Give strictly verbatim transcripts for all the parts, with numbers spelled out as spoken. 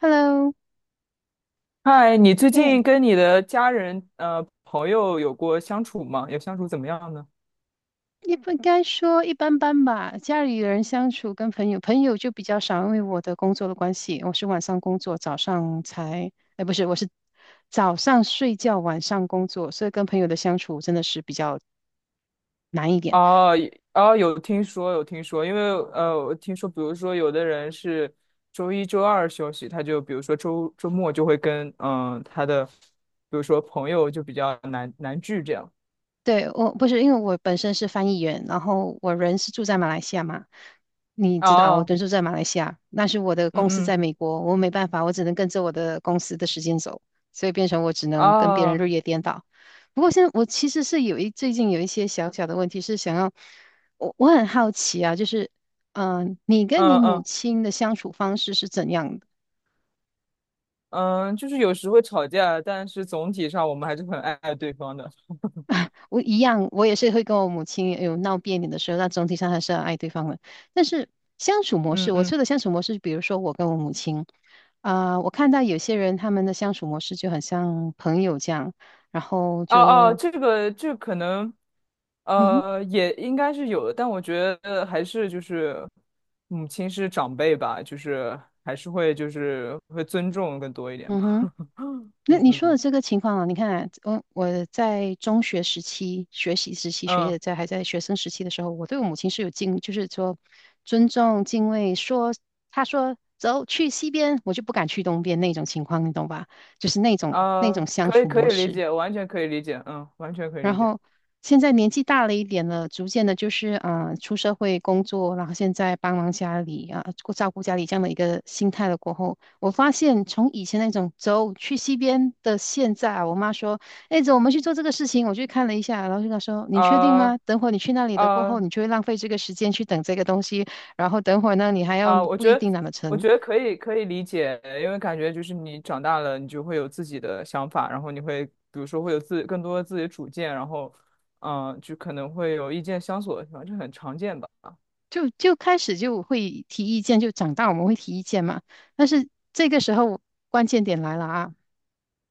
Hello，嗨，你最哎，近跟你的家人、呃朋友有过相处吗？有相处怎么样呢？也不该说一般般吧。家里人相处跟朋友，朋友就比较少，因为我的工作的关系，我是晚上工作，早上才，哎，不是，我是早上睡觉，晚上工作，所以跟朋友的相处真的是比较难一点。哦，也哦，有听说，有听说，因为呃，我听说，比如说有的人是周一、周二休息，他就比如说周周末就会跟嗯、呃他的，比如说朋友就比较难难聚这样。对，我不是因为我本身是翻译员，然后我人是住在马来西亚嘛，你知道我哦，人住在马来西亚，但是我的嗯公司嗯，在美国，我没办法，我只能跟着我的公司的时间走，所以变成我只能跟别人哦，日夜颠倒。不过现在我其实是有一最近有一些小小的问题是想要，我我很好奇啊，就是嗯、呃你跟你嗯母嗯亲的相处方式是怎样的？嗯，就是有时会吵架，但是总体上我们还是很爱爱对方的。我一样，我也是会跟我母亲有闹别扭的时候，但总体上还是要爱对方的。但是相处模嗯式，我嗯，说的相处模式，比如说我跟我母亲，啊、我看到有些人他们的相处模式就很像朋友这样，然后哦哦，就这个这个可能，嗯哼呃，也应该是有的，但我觉得还是就是母亲是长辈吧，就是还是会就是会尊重更多一点嗯吧。哼。那嗯你说嗯的这个情况啊，你看啊，我我在中学时期、学习时期、学嗯业在还在学生时期的时候，我对我母亲是有敬，就是说尊重、敬畏。说她说走去西边，我就不敢去东边那种情况，你懂吧？就是那种那啊，种相可以处可模以理式。解，完全可以理解，嗯，完全可以然理解。后现在年纪大了一点了，逐渐的，就是啊、呃出社会工作，然后现在帮忙家里啊，顾照顾家里这样的一个心态了过后，我发现从以前那种走去西边的现在啊，我妈说，哎，走，我们去做这个事情，我去看了一下，然后就跟她说，你啊确定吗？等会儿你去那啊，里的过后，呃你就会浪费这个时间去等这个东西，然后等会儿呢，你还要啊，我不一觉得，定拿得我成，觉得可以，可以理解，因为感觉就是你长大了，你就会有自己的想法，然后你会，比如说会有自更多的自己的主见，然后，嗯、就可能会有意见相左的地方，这很常见吧。就就开始就会提意见，就长大我们会提意见嘛，但是这个时候关键点来了啊。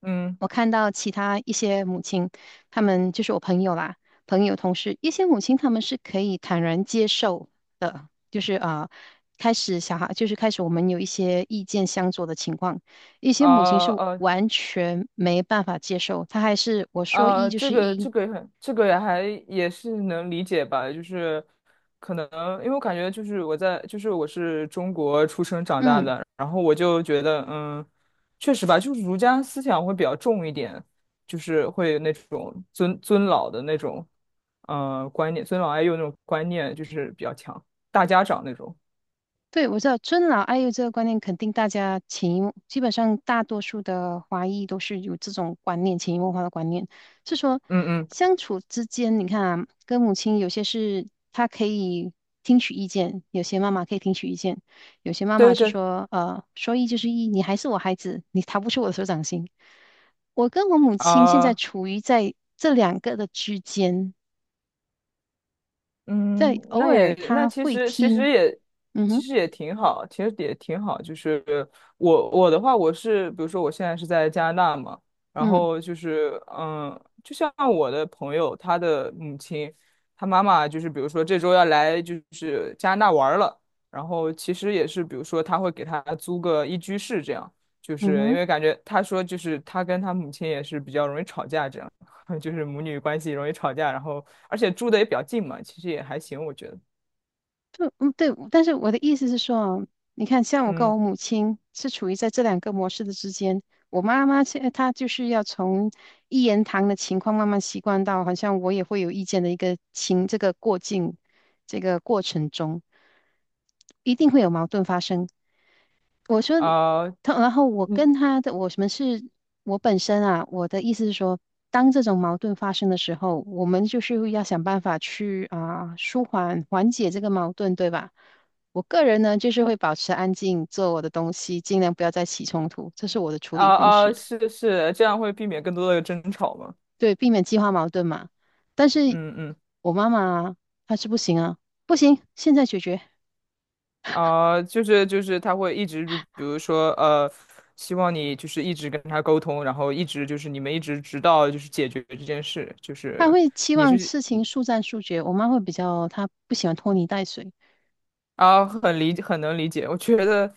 嗯，我看到其他一些母亲，他们就是我朋友啦，朋友同事，一些母亲他们是可以坦然接受的，就是啊，开始小孩就是开始我们有一些意见相左的情况，一些母亲啊是呃，完全没办法接受，她还是我说一啊，就这是个一，这个也很，这个也还也是能理解吧，就是可能因为我感觉就是我在就是我是中国出生长大嗯。的，然后我就觉得嗯，确实吧，就是儒家思想会比较重一点，就是会那种尊尊老的那种嗯，观念，尊老爱幼那种观念就是比较强，大家长那种，对，我知道尊老爱幼这个观念，肯定大家潜移默基本上大多数的华裔都是有这种观念，潜移默化的观念，是说嗯嗯，相处之间，你看啊，跟母亲有些是她可以听取意见，有些妈妈可以听取意见，有些妈妈对是对说，呃，说一就是一，你还是我孩子，你逃不出我的手掌心。我跟我母亲现在啊。处于在这两个的之间，在嗯，偶那尔也那她其会实其实听，也嗯其哼，实也挺好，其实也挺好。就是我我的话，我是比如说我现在是在加拿大嘛，然嗯后就是嗯，就像我的朋友，他的母亲，他妈妈就是比如说这周要来就是加拿大玩儿了，然后其实也是比如说他会给他租个一居室这样，就嗯是因哼。为感觉他说就是他跟他母亲也是比较容易吵架这样。就是母女关系容易吵架，然后而且住的也比较近嘛，其实也还行，我觉得。嗯嗯，对，但是我的意思是说啊，你看，像我跟嗯我母亲是处于在这两个模式的之间。我妈妈现在她就是要从一言堂的情况慢慢习惯到，好像我也会有意见的一个情这个过境这个过程中，一定会有矛盾发生。我说，啊，他然后我嗯跟他的，我们是，我本身啊，我的意思是说，当这种矛盾发生的时候，我们就是要想办法去啊、舒缓缓解这个矛盾，对吧？我个人呢，就是会保持安静，做我的东西，尽量不要再起冲突，这是我的处啊理方啊，式，是是，这样会避免更多的争吵嘛。对，避免激化矛盾嘛。但是嗯嗯我妈妈她是不行啊，不行，现在解决，啊，就是就是他会一直就比如说呃，希望你就是一直跟他沟通，然后一直就是你们一直直到就是解决这件事，就她是会期你望是。事情速战速决，我妈会比较，她不喜欢拖泥带水。啊，很理很能理解。我觉得，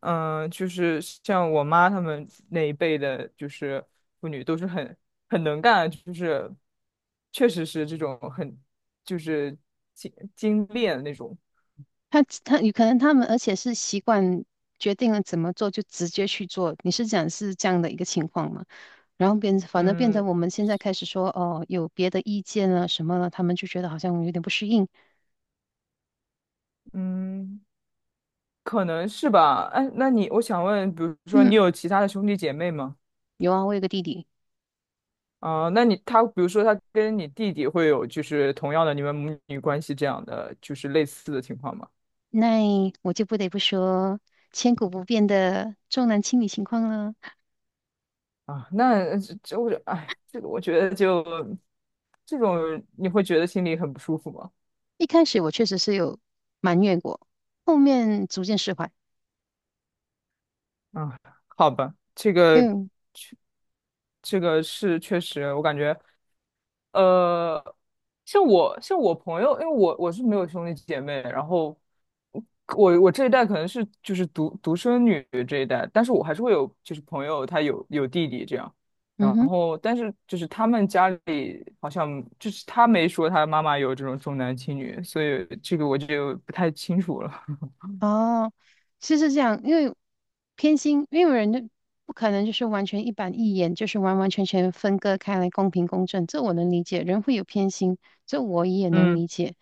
嗯、就是像我妈他们那一辈的，就是妇女都是很很能干，就是确实是这种很就是精精炼那种。他他有可能他们，而且是习惯决定了怎么做就直接去做。你是讲是这样的一个情况吗？然后变，反正变嗯成我们现在开始说哦，有别的意见了什么了，他们就觉得好像有点不适应。嗯，可能是吧。哎，那你我想问，比如说你嗯，有其他的兄弟姐妹吗？有啊，我有个弟弟，啊、那你他比如说他跟你弟弟会有就是同样的你们母女关系这样的就是类似的情况吗？那我就不得不说千古不变的重男轻女情况了。啊，那呃这这我哎，这个我觉得就这种你会觉得心里很不舒服吗？一开始我确实是有埋怨过，后面逐渐释怀。啊，好吧，这个嗯这个是确实，我感觉呃，像我像我朋友，因为我我是没有兄弟姐妹，然后我我这一代可能是就是独独生女这一代，但是我还是会有就是朋友他有有弟弟这样，嗯然哼。后但是就是他们家里好像就是他没说他妈妈有这种重男轻女，所以这个我就不太清楚了。哦，其实是这样，因为偏心，因为人就不可能就是完全一板一眼，就是完完全全分割开来，公平公正，这我能理解。人会有偏心，这我也能嗯理解。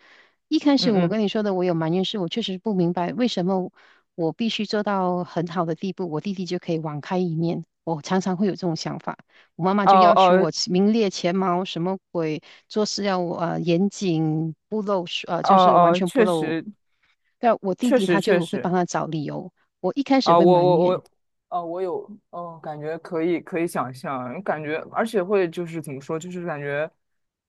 一开始嗯我嗯，跟你说的，我有埋怨是，我确实不明白为什么我必须做到很好的地步，我弟弟就可以网开一面。我常常会有这种想法。我妈妈哦就要求哦我起名列前茅，什么鬼，做事要呃严谨，不漏呃哦就是完哦，全不确漏。实但我弟确弟他实确就会实，帮他找理由，我一开始啊，会我埋我怨，我，啊，我有，哦，感觉可以可以想象，感觉而且会就是怎么说，就是感觉，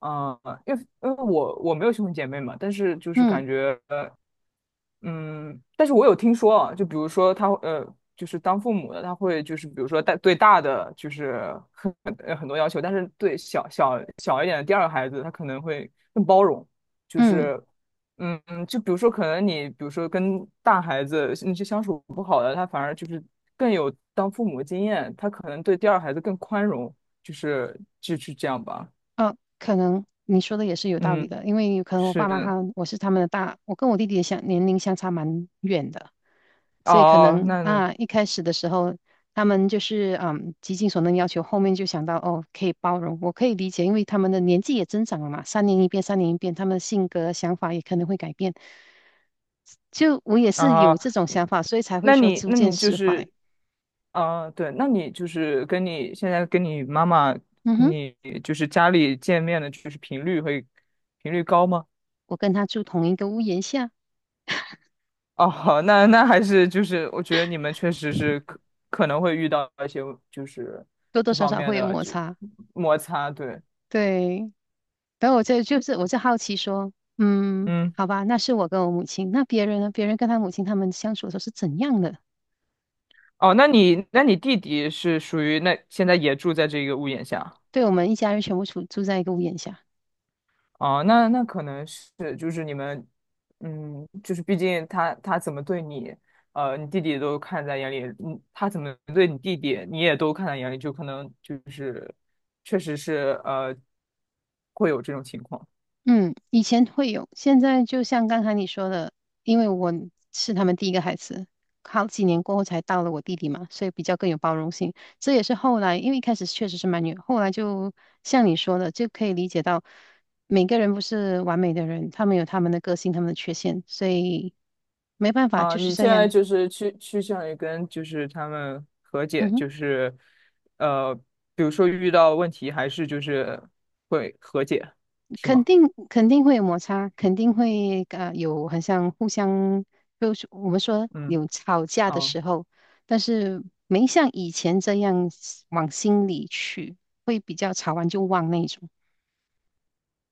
嗯、因为因为我我没有兄弟姐妹嘛，但是就是嗯感觉嗯，但是我有听说啊，就比如说他呃，就是当父母的他会就是比如说大对大的就是很呃很多要求，但是对小小小一点的第二个孩子他可能会更包容，就嗯，是嗯嗯，就比如说可能你比如说跟大孩子那些相处不好的，他反而就是更有当父母的经验，他可能对第二孩子更宽容，就是就是这样吧。啊，可能你说的也是有道理嗯，的，因为可能我是爸妈的。他我是他们的大，我跟我弟弟的相年龄相差蛮远的。所以可哦，能那那啊，一开始的时候，他们就是嗯，极尽所能要求，后面就想到哦，可以包容，我可以理解，因为他们的年纪也增长了嘛，三年一变，三年一变，他们的性格、想法也可能会改变。就我也是啊。有这种嗯想法，所以才会那说你，逐那渐你就释怀。是，啊，对，那你就是跟你现在跟你妈妈，嗯哼，你就是家里见面的，就是频率会频率高吗？我跟他住同一个屋檐下，哦，好那那还是就是我觉得你们确实是可可能会遇到一些就是多多这少方少面会有的摩就擦。摩擦，对，对，然后我就就是我就好奇说，嗯，嗯，好吧，那是我跟我母亲，那别人呢？别人跟他母亲他们相处的时候是怎样的？哦，那你那你弟弟是属于那现在也住在这个屋檐下。对，我们一家人全部住住在一个屋檐下。哦，那那可能是就是你们，嗯，就是毕竟他他怎么对你，呃，你弟弟都看在眼里，嗯，他怎么对你弟弟，你也都看在眼里，就可能就是确实是呃，会有这种情况嗯，以前会有，现在就像刚才你说的，因为我是他们第一个孩子，好几年过后才到了我弟弟嘛，所以比较更有包容性。这也是后来，因为一开始确实是蛮远，后来就像你说的，就可以理解到每个人不是完美的人，他们有他们的个性，他们的缺陷，所以没办法，啊。就是你这现在样。就是趋趋向于跟就是他们和嗯解，哼。就是呃，比如说遇到问题还是就是会和解，是肯吗？定肯定会有摩擦，肯定会呃有很像互相，就是我们说嗯。有吵架的啊。时候，但是没像以前这样往心里去，会比较吵完就忘那一种。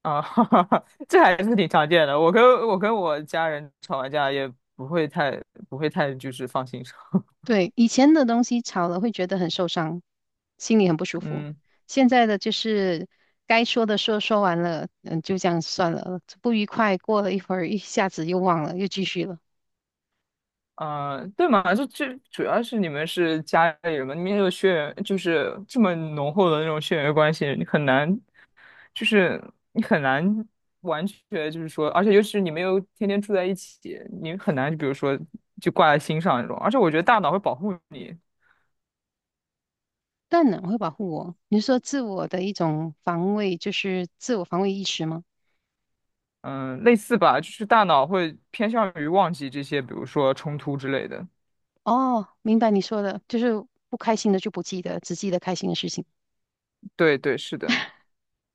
啊，哈哈哈，这还是挺常见的。我跟我跟我家人吵完架也不会太不会太就是放心上。对，以前的东西吵了会觉得很受伤，心里很不舒服。嗯现在的就是该说的说说完了，嗯，就这样算了，不愉快过了一会儿，一下子又忘了，又继续了。啊、呃对嘛，就就主要是你们是家里人嘛，你们有血缘，就是这么浓厚的那种血缘关系，你很难就是你很难完全就是说，而且尤其是你们又天天住在一起，你很难就比如说就挂在心上那种。而且我觉得大脑会保护你，当然会保护我。你是说自我的一种防卫，就是自我防卫意识吗？嗯，类似吧，就是大脑会偏向于忘记这些，比如说冲突之类的。哦，明白你说的，就是不开心的就不记得，只记得开心的事情，对对，是的，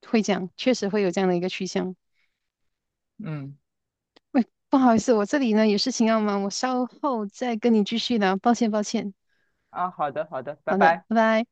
会这样，确实会有这样的一个趋向。嗯，不好意思，我这里呢有事情要忙，我稍后再跟你继续聊，抱歉抱歉。啊，好的，好的，拜好的，拜。拜拜。